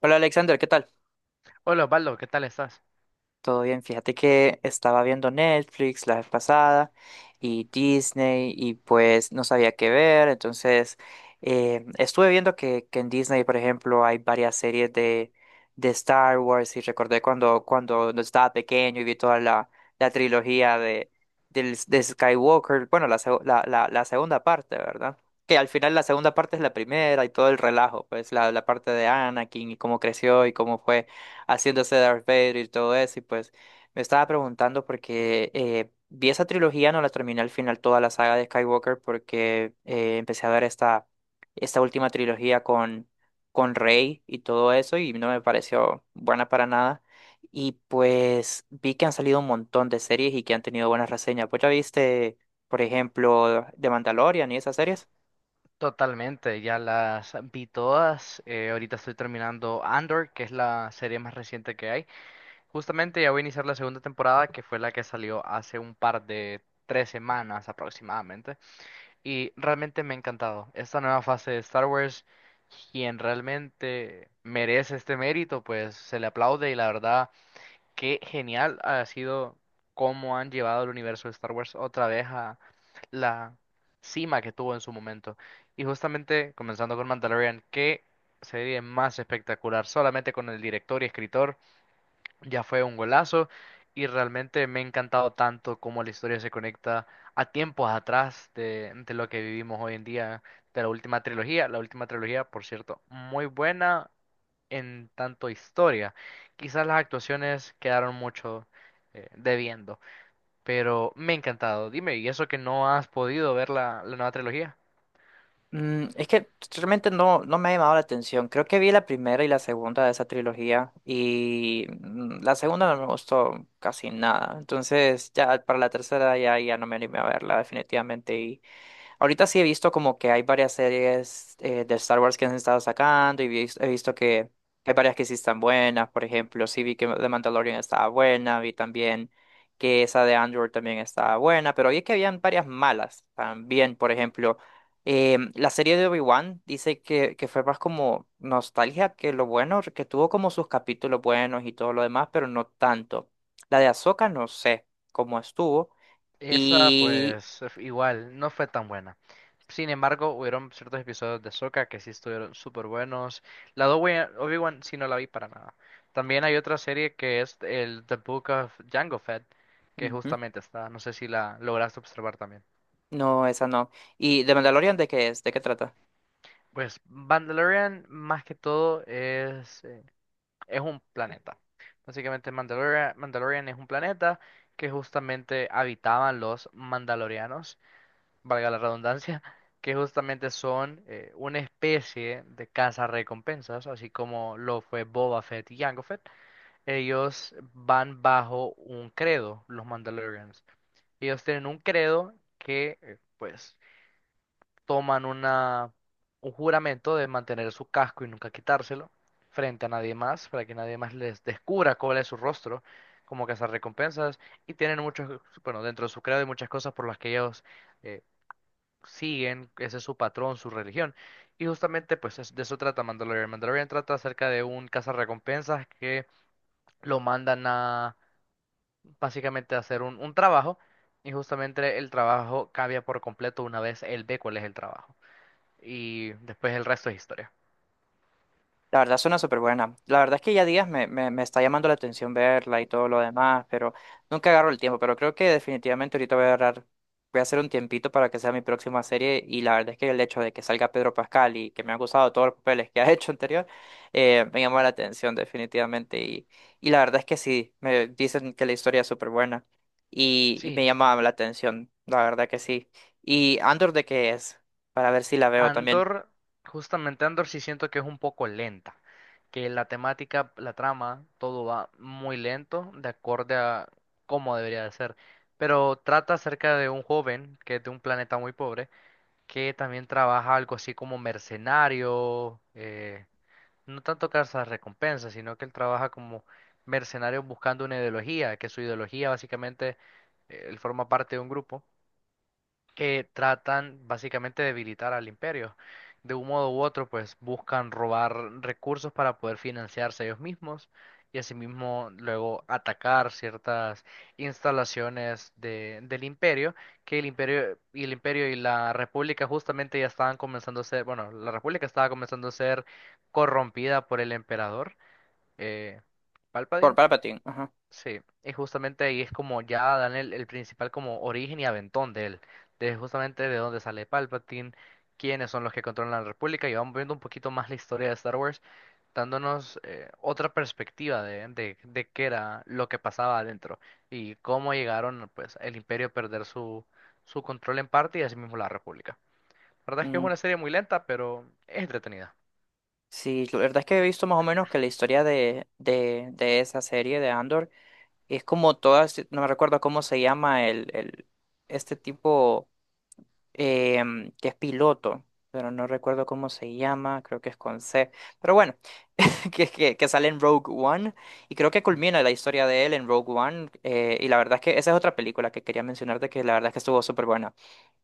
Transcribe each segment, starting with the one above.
Hola Alexander, ¿qué tal? Hola Osvaldo, ¿qué tal estás? Todo bien, fíjate que estaba viendo Netflix la vez pasada y Disney y pues no sabía qué ver, entonces estuve viendo que en Disney, por ejemplo, hay varias series de Star Wars y recordé cuando estaba pequeño y vi toda la trilogía de Skywalker, bueno, la segunda parte, ¿verdad? Que al final la segunda parte es la primera y todo el relajo, pues la parte de Anakin y cómo creció y cómo fue haciéndose Darth Vader y todo eso. Y pues me estaba preguntando porque vi esa trilogía, no la terminé al final toda la saga de Skywalker porque empecé a ver esta última trilogía con Rey y todo eso y no me pareció buena para nada. Y pues vi que han salido un montón de series y que han tenido buenas reseñas. Pues ya viste, por ejemplo, The Mandalorian y esas series. Totalmente, ya las vi todas. Ahorita estoy terminando Andor, que es la serie más reciente que hay. Justamente ya voy a iniciar la segunda temporada, que fue la que salió hace un par de 3 semanas aproximadamente. Y realmente me ha encantado esta nueva fase de Star Wars. Quien realmente merece este mérito, pues se le aplaude y la verdad. Qué genial ha sido cómo han llevado el universo de Star Wars otra vez a la cima que tuvo en su momento. Y justamente comenzando con Mandalorian, qué serie más espectacular, solamente con el director y escritor ya fue un golazo y realmente me ha encantado tanto cómo la historia se conecta a tiempos atrás de lo que vivimos hoy en día, de la última trilogía. La última trilogía, por cierto, muy buena en tanto historia. Quizás las actuaciones quedaron mucho debiendo, pero me ha encantado. Dime, ¿y eso que no has podido ver la nueva trilogía? Mm, es que realmente no me ha llamado la atención. Creo que vi la primera y la segunda de esa trilogía y la segunda no me gustó casi nada. Entonces ya para la tercera ya no me animé a verla definitivamente. Ahorita sí he visto como que hay varias series de Star Wars que han estado sacando y he visto que hay varias que sí están buenas. Por ejemplo, sí vi que The Mandalorian estaba buena, vi también que esa de Andor también estaba buena, pero vi que habían varias malas también. Por ejemplo, la serie de Obi-Wan dice que fue más como nostalgia que lo bueno, que tuvo como sus capítulos buenos y todo lo demás, pero no tanto. La de Ahsoka no sé cómo estuvo. Esa, Y... pues, igual, no fue tan buena. Sin embargo, hubieron ciertos episodios de Sokka que sí estuvieron súper buenos. La de Obi-Wan sí no la vi para nada. También hay otra serie que es el The Book of Jango Fett, que justamente está, no sé si la lograste observar también. No, esa no. ¿Y The Mandalorian de qué es? ¿De qué trata? Pues Mandalorian más que todo es un planeta. Básicamente Mandalorian es un planeta que justamente habitaban los mandalorianos, valga la redundancia, que justamente son una especie de recompensas, así como lo fue Boba Fett y Jango Fett. Ellos van bajo un credo, los Mandalorians. Ellos tienen un credo que, pues, toman un juramento de mantener su casco y nunca quitárselo frente a nadie más, para que nadie más les descubra cuál es su rostro. Como recompensas y tienen muchos, bueno, dentro de su credo hay muchas cosas por las que ellos eh, siguen, ese es su patrón, su religión. Y justamente pues de eso trata Mandalorian. Mandalorian trata acerca de un cazarrecompensas que lo mandan a básicamente a hacer un trabajo y justamente el trabajo cambia por completo una vez él ve cuál es el trabajo. Y después el resto es historia. La verdad suena súper buena. La verdad es que ya días me está llamando la atención verla y todo lo demás, pero nunca agarro el tiempo. Pero creo que definitivamente ahorita voy a agarrar, voy a hacer un tiempito para que sea mi próxima serie. Y la verdad es que el hecho de que salga Pedro Pascal y que me han gustado todos los papeles que ha hecho anterior, me llamó la atención definitivamente. Y la verdad es que sí, me dicen que la historia es súper buena y me Sí, llama la atención, la verdad que sí. ¿Y Andor de qué es? Para ver si la veo también. Andor, justamente Andor sí siento que es un poco lenta, que la temática, la trama, todo va muy lento, de acorde a cómo debería de ser. Pero trata acerca de un joven que es de un planeta muy pobre, que también trabaja algo así como mercenario, no tanto cazas recompensas, sino que él trabaja como mercenario buscando una ideología, que su ideología básicamente, él forma parte de un grupo que tratan básicamente de debilitar al imperio. De un modo u otro, pues buscan robar recursos para poder financiarse ellos mismos y asimismo luego atacar ciertas instalaciones del imperio, que el imperio y la república, justamente ya estaban comenzando a ser, bueno, la república estaba comenzando a ser corrompida por el emperador, eh, Por Palpatine. Palpatine, ajá. Sí, y justamente ahí es como ya dan el principal como origen y aventón de él, de justamente de dónde sale Palpatine, quiénes son los que controlan la República, y vamos viendo un poquito más la historia de Star Wars, dándonos otra perspectiva de qué era lo que pasaba adentro y cómo llegaron pues el Imperio a perder su control en parte y asimismo la República. La verdad es que es una serie muy lenta, pero es entretenida. Sí, la verdad es que he visto más o menos que la historia de esa serie de Andor es como todas, si, no me recuerdo cómo se llama el este tipo que es piloto, pero no recuerdo cómo se llama, creo que es con C. Pero bueno. Que sale en Rogue One y creo que culmina la historia de él en Rogue One, y la verdad es que esa es otra película que quería mencionarte que la verdad es que estuvo súper buena.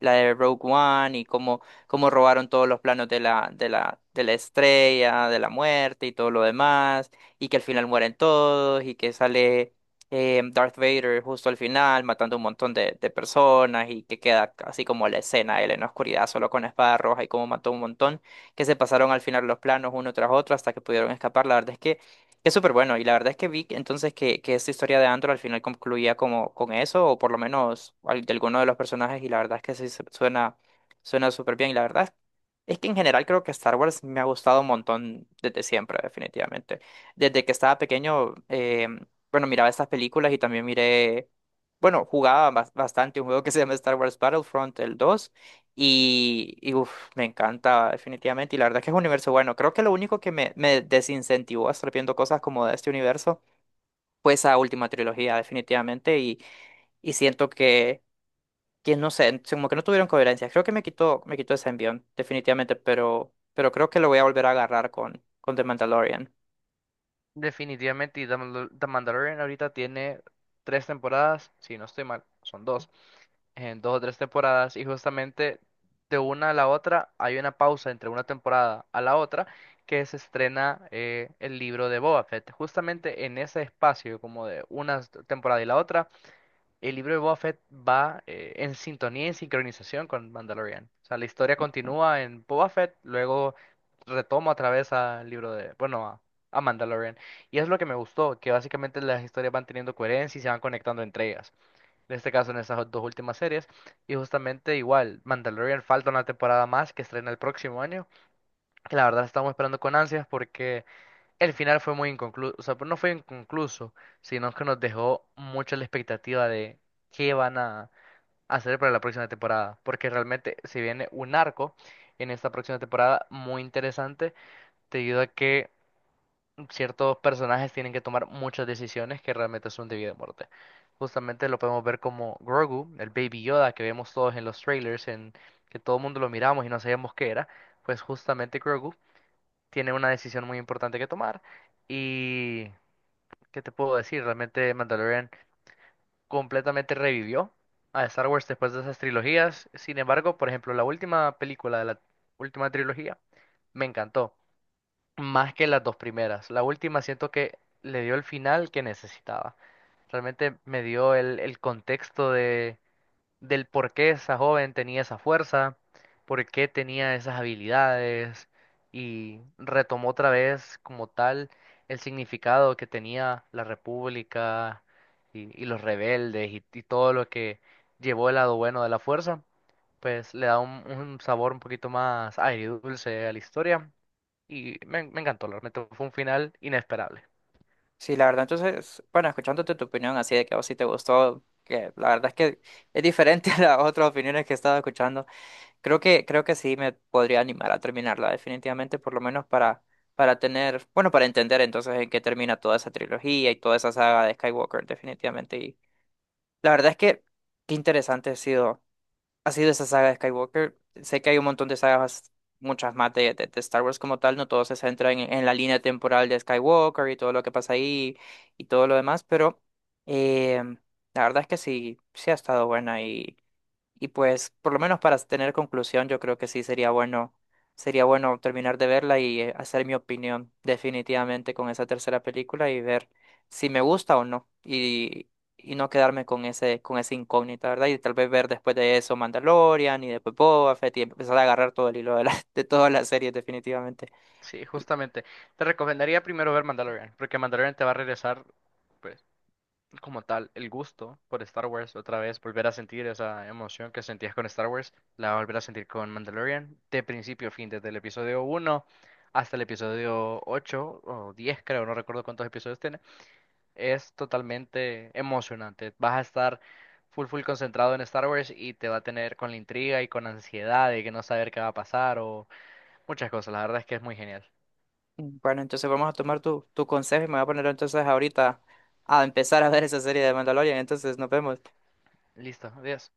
La de Rogue One y cómo, cómo robaron todos los planos de de la estrella de la muerte y todo lo demás y que al final mueren todos y que sale Darth Vader justo al final matando un montón de personas y que queda así como la escena él en la oscuridad solo con la espada roja y cómo mató un montón, que se pasaron al final los planos uno tras otro hasta que pudieron escapar. La verdad es que es súper bueno y la verdad es que entonces que esta historia de Andor al final concluía como con eso o por lo menos de alguno de los personajes y la verdad es que sí suena, suena súper bien y la verdad es que en general creo que Star Wars me ha gustado un montón desde siempre, definitivamente. Desde que estaba pequeño, bueno, miraba estas películas y también miré, bueno, jugaba bastante un juego que se llama Star Wars Battlefront, el dos, y uf, me encanta definitivamente. Y la verdad es que es un universo bueno. Creo que lo único que me desincentivó a estar viendo cosas como de este universo fue esa última trilogía, definitivamente. Y siento que no sé, como que no tuvieron coherencia. Creo que me quitó ese envión, definitivamente, pero creo que lo voy a volver a agarrar con The Mandalorian. Definitivamente, y The Mandalorian ahorita tiene tres temporadas, si no estoy mal, son dos. En dos o tres temporadas y justamente de una a la otra hay una pausa entre una temporada a la otra, que se estrena el libro de Boba Fett. Justamente en ese espacio como de una temporada y la otra, el libro de Boba Fett va en sintonía y en sincronización con Mandalorian. O sea, la historia Ujú. continúa en Boba Fett, luego retoma otra vez bueno, a Mandalorian. Y es lo que me gustó, que básicamente las historias van teniendo coherencia y se van conectando entre ellas. En este caso, en esas dos últimas series. Y justamente igual, Mandalorian falta una temporada más que estrena el próximo año. Que la verdad estamos esperando con ansias porque el final fue muy inconcluso. O sea, pues no fue inconcluso, sino que nos dejó mucho la expectativa de qué van a hacer para la próxima temporada. Porque realmente se viene un arco en esta próxima temporada muy interesante, debido a que ciertos personajes tienen que tomar muchas decisiones que realmente son de vida o muerte. Justamente lo podemos ver como Grogu, el Baby Yoda que vemos todos en los trailers, en que todo el mundo lo miramos y no sabíamos qué era, pues justamente Grogu tiene una decisión muy importante que tomar y ¿qué te puedo decir? Realmente Mandalorian completamente revivió a Star Wars después de esas trilogías. Sin embargo, por ejemplo, la última película de la última trilogía me encantó más que las dos primeras. La última siento que le dio el final que necesitaba. Realmente me dio el contexto del por qué esa joven tenía esa fuerza, por qué tenía esas habilidades y retomó otra vez como tal el significado que tenía la República y los rebeldes y todo lo que llevó el lado bueno de la fuerza. Pues le da un sabor un poquito más agridulce a la historia y me encantó, realmente fue un final inesperable. Sí, la verdad, entonces, bueno, escuchándote tu opinión así de que a vos sí te gustó, que la verdad es que es diferente a las otras opiniones que he estado escuchando, creo que sí me podría animar a terminarla definitivamente, por lo menos para tener, bueno, para entender entonces en qué termina toda esa trilogía y toda esa saga de Skywalker definitivamente. Y la verdad es que qué interesante ha sido esa saga de Skywalker. Sé que hay un montón de sagas, muchas más de Star Wars como tal, no todos se centran en la línea temporal de Skywalker y todo lo que pasa ahí y todo lo demás, pero eh, la verdad es que sí, sí ha estado buena y pues, por lo menos para tener conclusión, yo creo que sería bueno terminar de verla y hacer mi opinión definitivamente con esa tercera película y ver si me gusta o no. Y no quedarme con ese, con esa incógnita, ¿verdad? Y tal vez ver después de eso Mandalorian y después Boba Fett y empezar a agarrar todo el hilo de todas las series definitivamente. Sí, Y- justamente. Te recomendaría primero ver Mandalorian, porque Mandalorian te va a regresar, pues, como tal, el gusto por Star Wars otra vez, volver a sentir esa emoción que sentías con Star Wars, la vas a volver a sentir con Mandalorian, de principio a fin, desde el episodio 1 hasta el episodio 8 o 10 creo, no recuerdo cuántos episodios tiene. Es totalmente emocionante. Vas a estar full full concentrado en Star Wars y te va a tener con la intriga y con ansiedad de que no saber qué va a pasar o muchas cosas. La verdad es que es muy genial. mm, bueno, entonces vamos a tomar tu consejo y me voy a poner entonces ahorita a empezar a ver esa serie de Mandalorian. Entonces nos vemos. Listo, adiós.